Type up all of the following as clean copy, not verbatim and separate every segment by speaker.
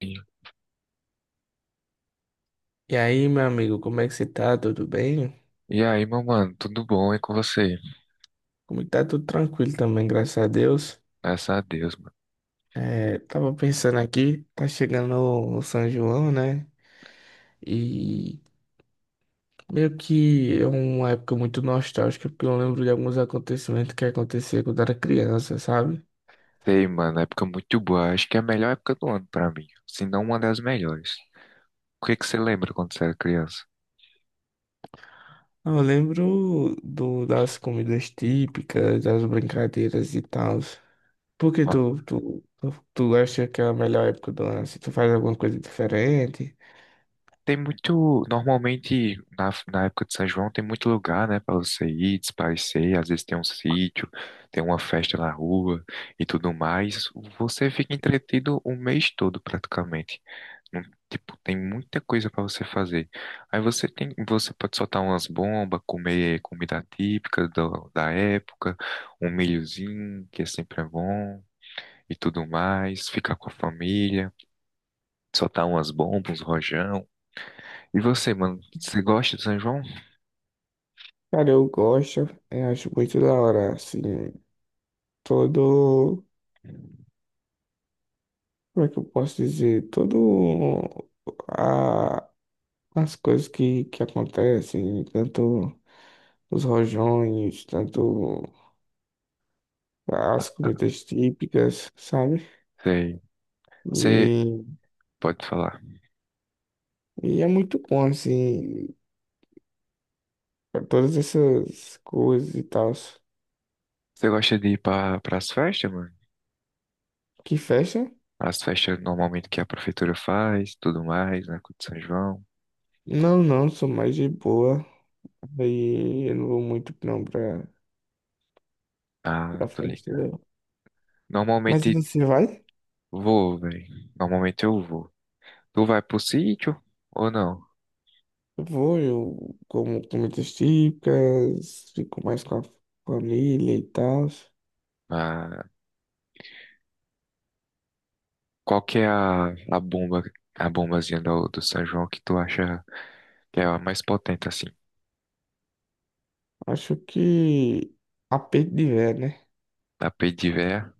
Speaker 1: E
Speaker 2: E aí, meu amigo, como é que você tá? Tudo bem?
Speaker 1: aí, meu mano, tudo bom? E com você?
Speaker 2: Como que tá? Tudo tranquilo também, graças a Deus.
Speaker 1: Graças a Deus, mano.
Speaker 2: É, tava pensando aqui, tá chegando o São João, né? E meio que é uma época muito nostálgica, porque eu lembro de alguns acontecimentos que aconteciam quando era criança, sabe?
Speaker 1: Sei, mano, é época muito boa. Acho que é a melhor época do ano pra mim. Se não uma das melhores. O que que você lembra quando você era criança?
Speaker 2: Eu lembro do, das comidas típicas, das brincadeiras e tal. Por que
Speaker 1: Ó,
Speaker 2: tu acha que é a melhor época do ano? Se tu faz alguma coisa diferente?
Speaker 1: tem muito. Normalmente, na época de São João, tem muito lugar, né, pra você ir, desaparecer. Às vezes tem um sítio, tem uma festa na rua e tudo mais. Você fica entretido o mês todo, praticamente. Não- Tipo, tem muita coisa pra você fazer. Aí você tem, você pode soltar umas bombas, comer comida típica da época, um milhozinho, que sempre é bom, e tudo mais, ficar com a família, soltar umas bombas, uns rojão. E você, mano, você gosta de São João?
Speaker 2: Cara, eu gosto, eu acho muito da hora, assim, todo, como é que eu posso dizer, todo a, as coisas que acontecem, tanto os rojões, tanto as comidas típicas, sabe?
Speaker 1: Sei. Você
Speaker 2: E,
Speaker 1: pode falar.
Speaker 2: e é muito bom, assim, pra todas essas coisas e tal.
Speaker 1: Você gosta de ir para as festas, mano?
Speaker 2: Que festa?
Speaker 1: As festas normalmente que a prefeitura faz, tudo mais, né, com o de São João.
Speaker 2: Não, não, sou mais de boa, aí eu não vou muito não pra,
Speaker 1: Ah,
Speaker 2: pra
Speaker 1: tô
Speaker 2: festa,
Speaker 1: ligado.
Speaker 2: né? Mas e
Speaker 1: Normalmente
Speaker 2: você vai?
Speaker 1: Vou, velho. Normalmente eu vou. Tu vai pro sítio ou não?
Speaker 2: Vou, eu como comidas típicas, fico mais com a família e tal.
Speaker 1: Ah, qual que é a bomba, a bombazinha do São João que tu acha que é a mais potente, assim?
Speaker 2: Acho que apetite de ver, né?
Speaker 1: Da peito de véia?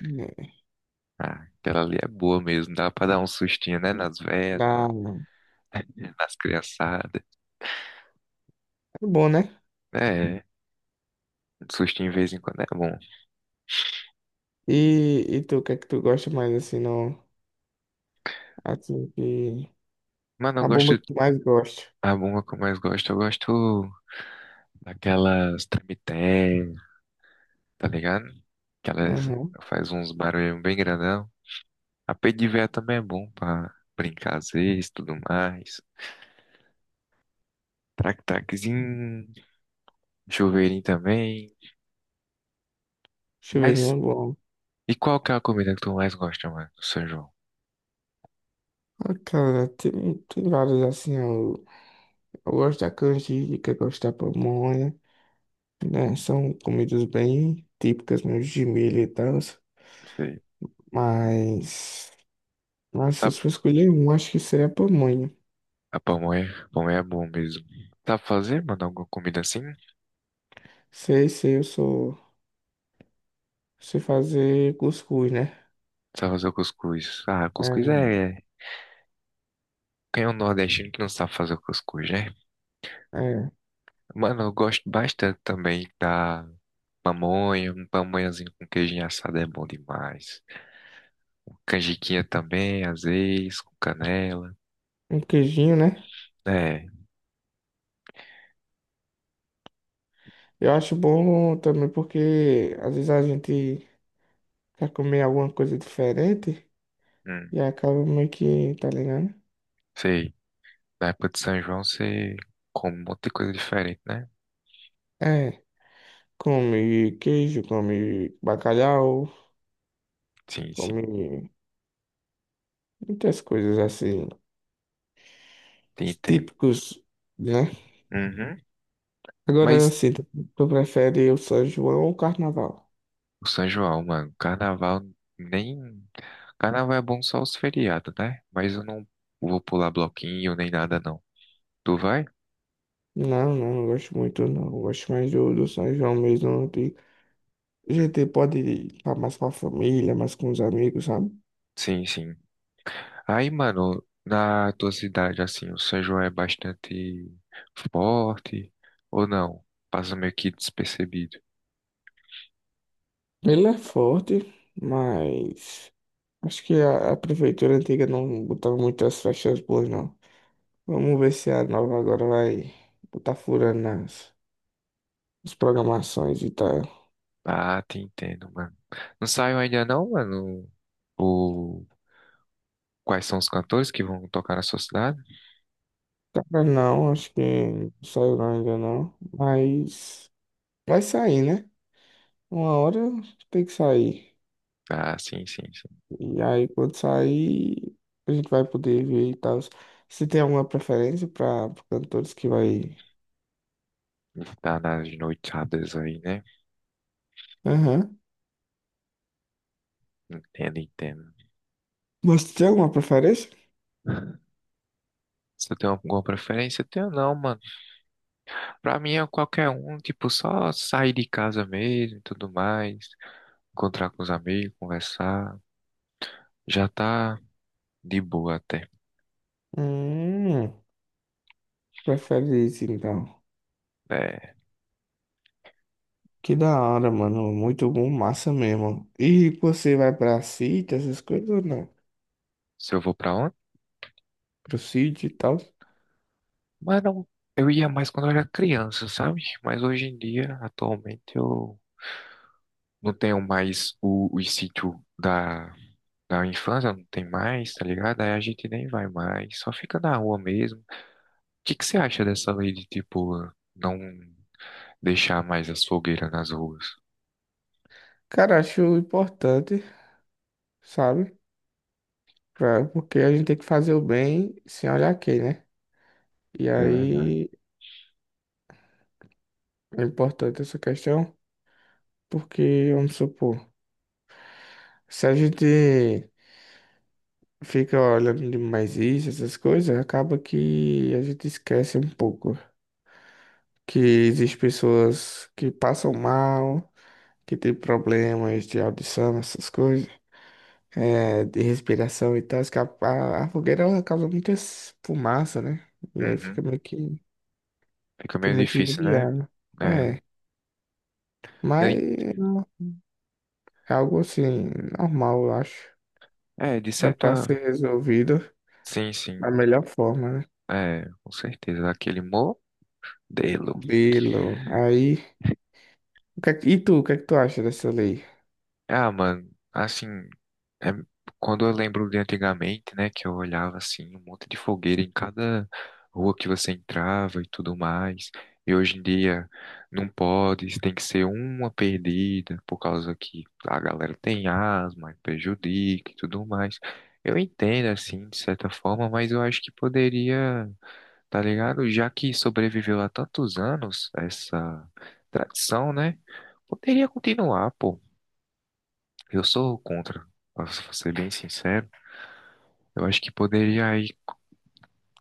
Speaker 2: Né,
Speaker 1: Ah, aquela ali é boa mesmo. Dá pra dar um sustinho, né? Nas velhas,
Speaker 2: dá...
Speaker 1: nas criançadas.
Speaker 2: É bom, né?
Speaker 1: É, um sustinho de vez em quando é bom.
Speaker 2: E tu, o que é que tu gosta mais assim, não? Assim que.
Speaker 1: Mas não
Speaker 2: A bomba
Speaker 1: gosto.
Speaker 2: que tu mais gosta.
Speaker 1: A bomba que eu mais gosto, eu gosto daquelas tremitéias, tá ligado? Que elas
Speaker 2: Aham.
Speaker 1: faz uns barulhinhos bem grandão. A peito de véia também é bom pra brincar às vezes, tudo mais. Traque-traquezinho, chuveirinho também.
Speaker 2: Chuveirinho
Speaker 1: Mas,
Speaker 2: é bom.
Speaker 1: e qual que é a comida que tu mais gosta, mano, do São João?
Speaker 2: Ah, cara, tem, tem vários assim, eu gosto da canjica, gosto da pamonha, né? São comidas bem típicas mesmo de milho e tal.
Speaker 1: Sei.
Speaker 2: Mas, nossa,
Speaker 1: A,
Speaker 2: se eu escolher um, acho que seria pamonha.
Speaker 1: a pamonha, pamonha é bom mesmo. Sabe fazer, mano, alguma comida assim?
Speaker 2: Sei, sei, eu sou. Sei fazer cuscuz, né?
Speaker 1: Sabe fazer o cuscuz? Ah, cuscuz
Speaker 2: É,
Speaker 1: é. Quem é um nordestino que não sabe fazer o cuscuz, né?
Speaker 2: é,
Speaker 1: Mano, eu gosto bastante também da pamonha. Um pamonhazinho com queijinho assado é bom demais. Canjiquinha também, às vezes, com canela.
Speaker 2: um queijinho, né?
Speaker 1: É,
Speaker 2: Eu acho bom também porque às vezes a gente quer comer alguma coisa diferente
Speaker 1: hum,
Speaker 2: e acaba meio que, tá ligado?
Speaker 1: sei. Na época de São João você come um monte de coisa diferente, né?
Speaker 2: É, come queijo, come bacalhau,
Speaker 1: Sim, sim,
Speaker 2: come muitas coisas assim,
Speaker 1: te
Speaker 2: os
Speaker 1: entendo.
Speaker 2: típicos, né?
Speaker 1: Uhum.
Speaker 2: Agora,
Speaker 1: Mas
Speaker 2: assim, tu prefere o São João ou o Carnaval?
Speaker 1: o São João, mano, carnaval nem. Carnaval é bom só os feriados, né? Mas eu não vou pular bloquinho nem nada, não. Tu vai?
Speaker 2: Não, não, não gosto muito, não. Eu gosto mais do, do São João mesmo. De
Speaker 1: Hum,
Speaker 2: GT pode ir pra- mais com a família, mais com os amigos, sabe?
Speaker 1: Sim, sim. Aí, mano, na tua cidade, assim, o São João é bastante forte ou não? Passa meio que despercebido.
Speaker 2: Ele é forte, mas acho que a prefeitura antiga não botava muitas festas boas, não. Vamos ver se a nova agora vai botar furando nas, nas programações e tal.
Speaker 1: Ah, te entendo, mano. Não saiu ainda não, mano, o... quais são os cantores que vão tocar na sua cidade?
Speaker 2: Cara, não, acho que não saiu não ainda não. Mas vai sair, né? Uma hora tem que sair.
Speaker 1: Ah, sim, sim, sim.
Speaker 2: E aí, quando sair, a gente vai poder ver e tal. Você tem alguma preferência para cantores que vai.
Speaker 1: Tá nas noitadas aí, né?
Speaker 2: Aham.
Speaker 1: Entendo, entendo.
Speaker 2: Você tem alguma preferência?
Speaker 1: Você tem alguma preferência? Eu tenho não, mano. Pra mim é qualquer um, tipo, só sair de casa mesmo e tudo mais. Encontrar com os amigos, conversar. Já tá de boa até.
Speaker 2: Hum, prefere isso então.
Speaker 1: É,
Speaker 2: Que da hora, mano. Muito bom, massa mesmo. E você vai pra sítio, essas coisas ou não?
Speaker 1: se eu vou pra onde?
Speaker 2: Pro sítio e tal.
Speaker 1: Mano, eu ia mais quando eu era criança, sabe? Mas hoje em dia, atualmente, eu não tenho mais o sítio da, da infância, não tem mais, tá ligado? Aí a gente nem vai mais, só fica na rua mesmo. O que que você acha dessa lei de, tipo, não deixar mais as fogueiras nas ruas?
Speaker 2: Cara, acho importante, sabe? Pra- porque a gente tem que fazer o bem sem olhar quem, né? E
Speaker 1: É verdade.
Speaker 2: aí é importante essa questão, porque vamos supor. Se a gente fica olhando demais isso, essas coisas, acaba que a gente esquece um pouco que existem pessoas que passam mal, que tem problemas de audição, essas coisas, é, de respiração e tal. Que a, a fogueira ela causa muita fumaça, né? E aí
Speaker 1: Uhum. Fica
Speaker 2: fica
Speaker 1: meio
Speaker 2: meio que
Speaker 1: difícil, né?
Speaker 2: inviável.
Speaker 1: É,
Speaker 2: É,
Speaker 1: eu-
Speaker 2: mas é algo assim, normal, eu acho,
Speaker 1: é de
Speaker 2: que dá pra
Speaker 1: certa.
Speaker 2: ser resolvido
Speaker 1: Sim,
Speaker 2: da
Speaker 1: sim.
Speaker 2: melhor forma, né?
Speaker 1: É, com certeza. Aquele modelo.
Speaker 2: Bilo, aí. O que é que- e tu, o que é que tu acha dessa lei?
Speaker 1: Ah, mano, assim, é- quando eu lembro de antigamente, né, que eu olhava assim, um monte de fogueira em cada rua que você entrava e tudo mais. E hoje em dia não pode, tem que ser uma perdida por causa que a galera tem asma, e prejudica e tudo mais. Eu entendo assim, de certa forma, mas eu acho que poderia, tá ligado? Já que sobreviveu há tantos anos essa tradição, né? Poderia continuar, pô. Eu sou contra, pra ser bem sincero. Eu acho que poderia aí,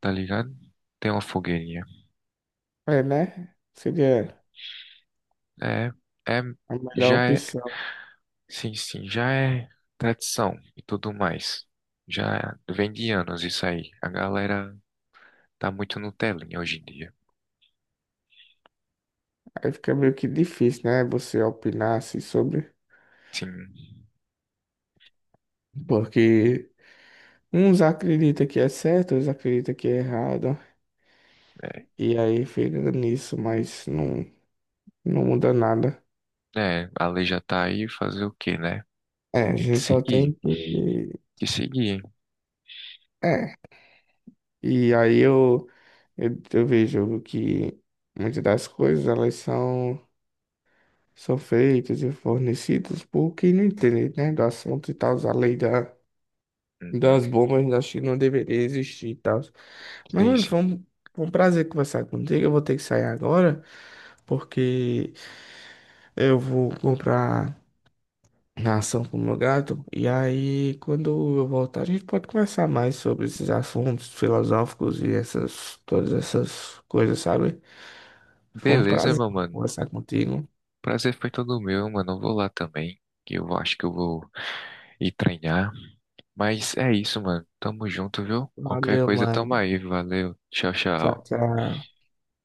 Speaker 1: tá ligado? Ter uma fogueirinha.
Speaker 2: É, né? Seria
Speaker 1: É, é,
Speaker 2: a melhor
Speaker 1: já é,
Speaker 2: opção.
Speaker 1: sim, sim, já é tradição e tudo mais. Já vem de anos isso aí. A galera tá muito no telinho hoje em dia.
Speaker 2: Aí fica meio que difícil, né? Você opinar assim sobre.
Speaker 1: Sim,
Speaker 2: Porque uns acreditam que é certo, outros acreditam que é errado.
Speaker 1: é,
Speaker 2: E aí fica nisso, mas não, não muda nada.
Speaker 1: é, a lei já tá aí, fazer o quê, né?
Speaker 2: É, a
Speaker 1: Tem que
Speaker 2: gente só tem
Speaker 1: seguir,
Speaker 2: que.
Speaker 1: tem que seguir, hein?
Speaker 2: É. E aí eu vejo que muitas das coisas elas são, são feitas e fornecidas por quem não entende, né? Do assunto e tal, a lei da.
Speaker 1: Uhum,
Speaker 2: Das bombas, acho que não deveria existir e tal. Mas,
Speaker 1: sim,
Speaker 2: mano,
Speaker 1: sim.
Speaker 2: foi um prazer conversar contigo. Eu vou ter que sair agora, porque eu vou comprar ração pro meu gato. E aí, quando eu voltar, a gente pode conversar mais sobre esses assuntos filosóficos e essas, todas essas coisas, sabe? Foi um
Speaker 1: Beleza,
Speaker 2: prazer
Speaker 1: meu mano.
Speaker 2: conversar contigo.
Speaker 1: Prazer foi todo meu, mano. Eu vou lá também. Que Eu acho que eu vou ir treinar. Mas é isso, mano. Tamo junto, viu? Qualquer
Speaker 2: Valeu,
Speaker 1: coisa, tamo
Speaker 2: mano.
Speaker 1: aí. Valeu. Tchau,
Speaker 2: Tchau,
Speaker 1: tchau.
Speaker 2: tchau.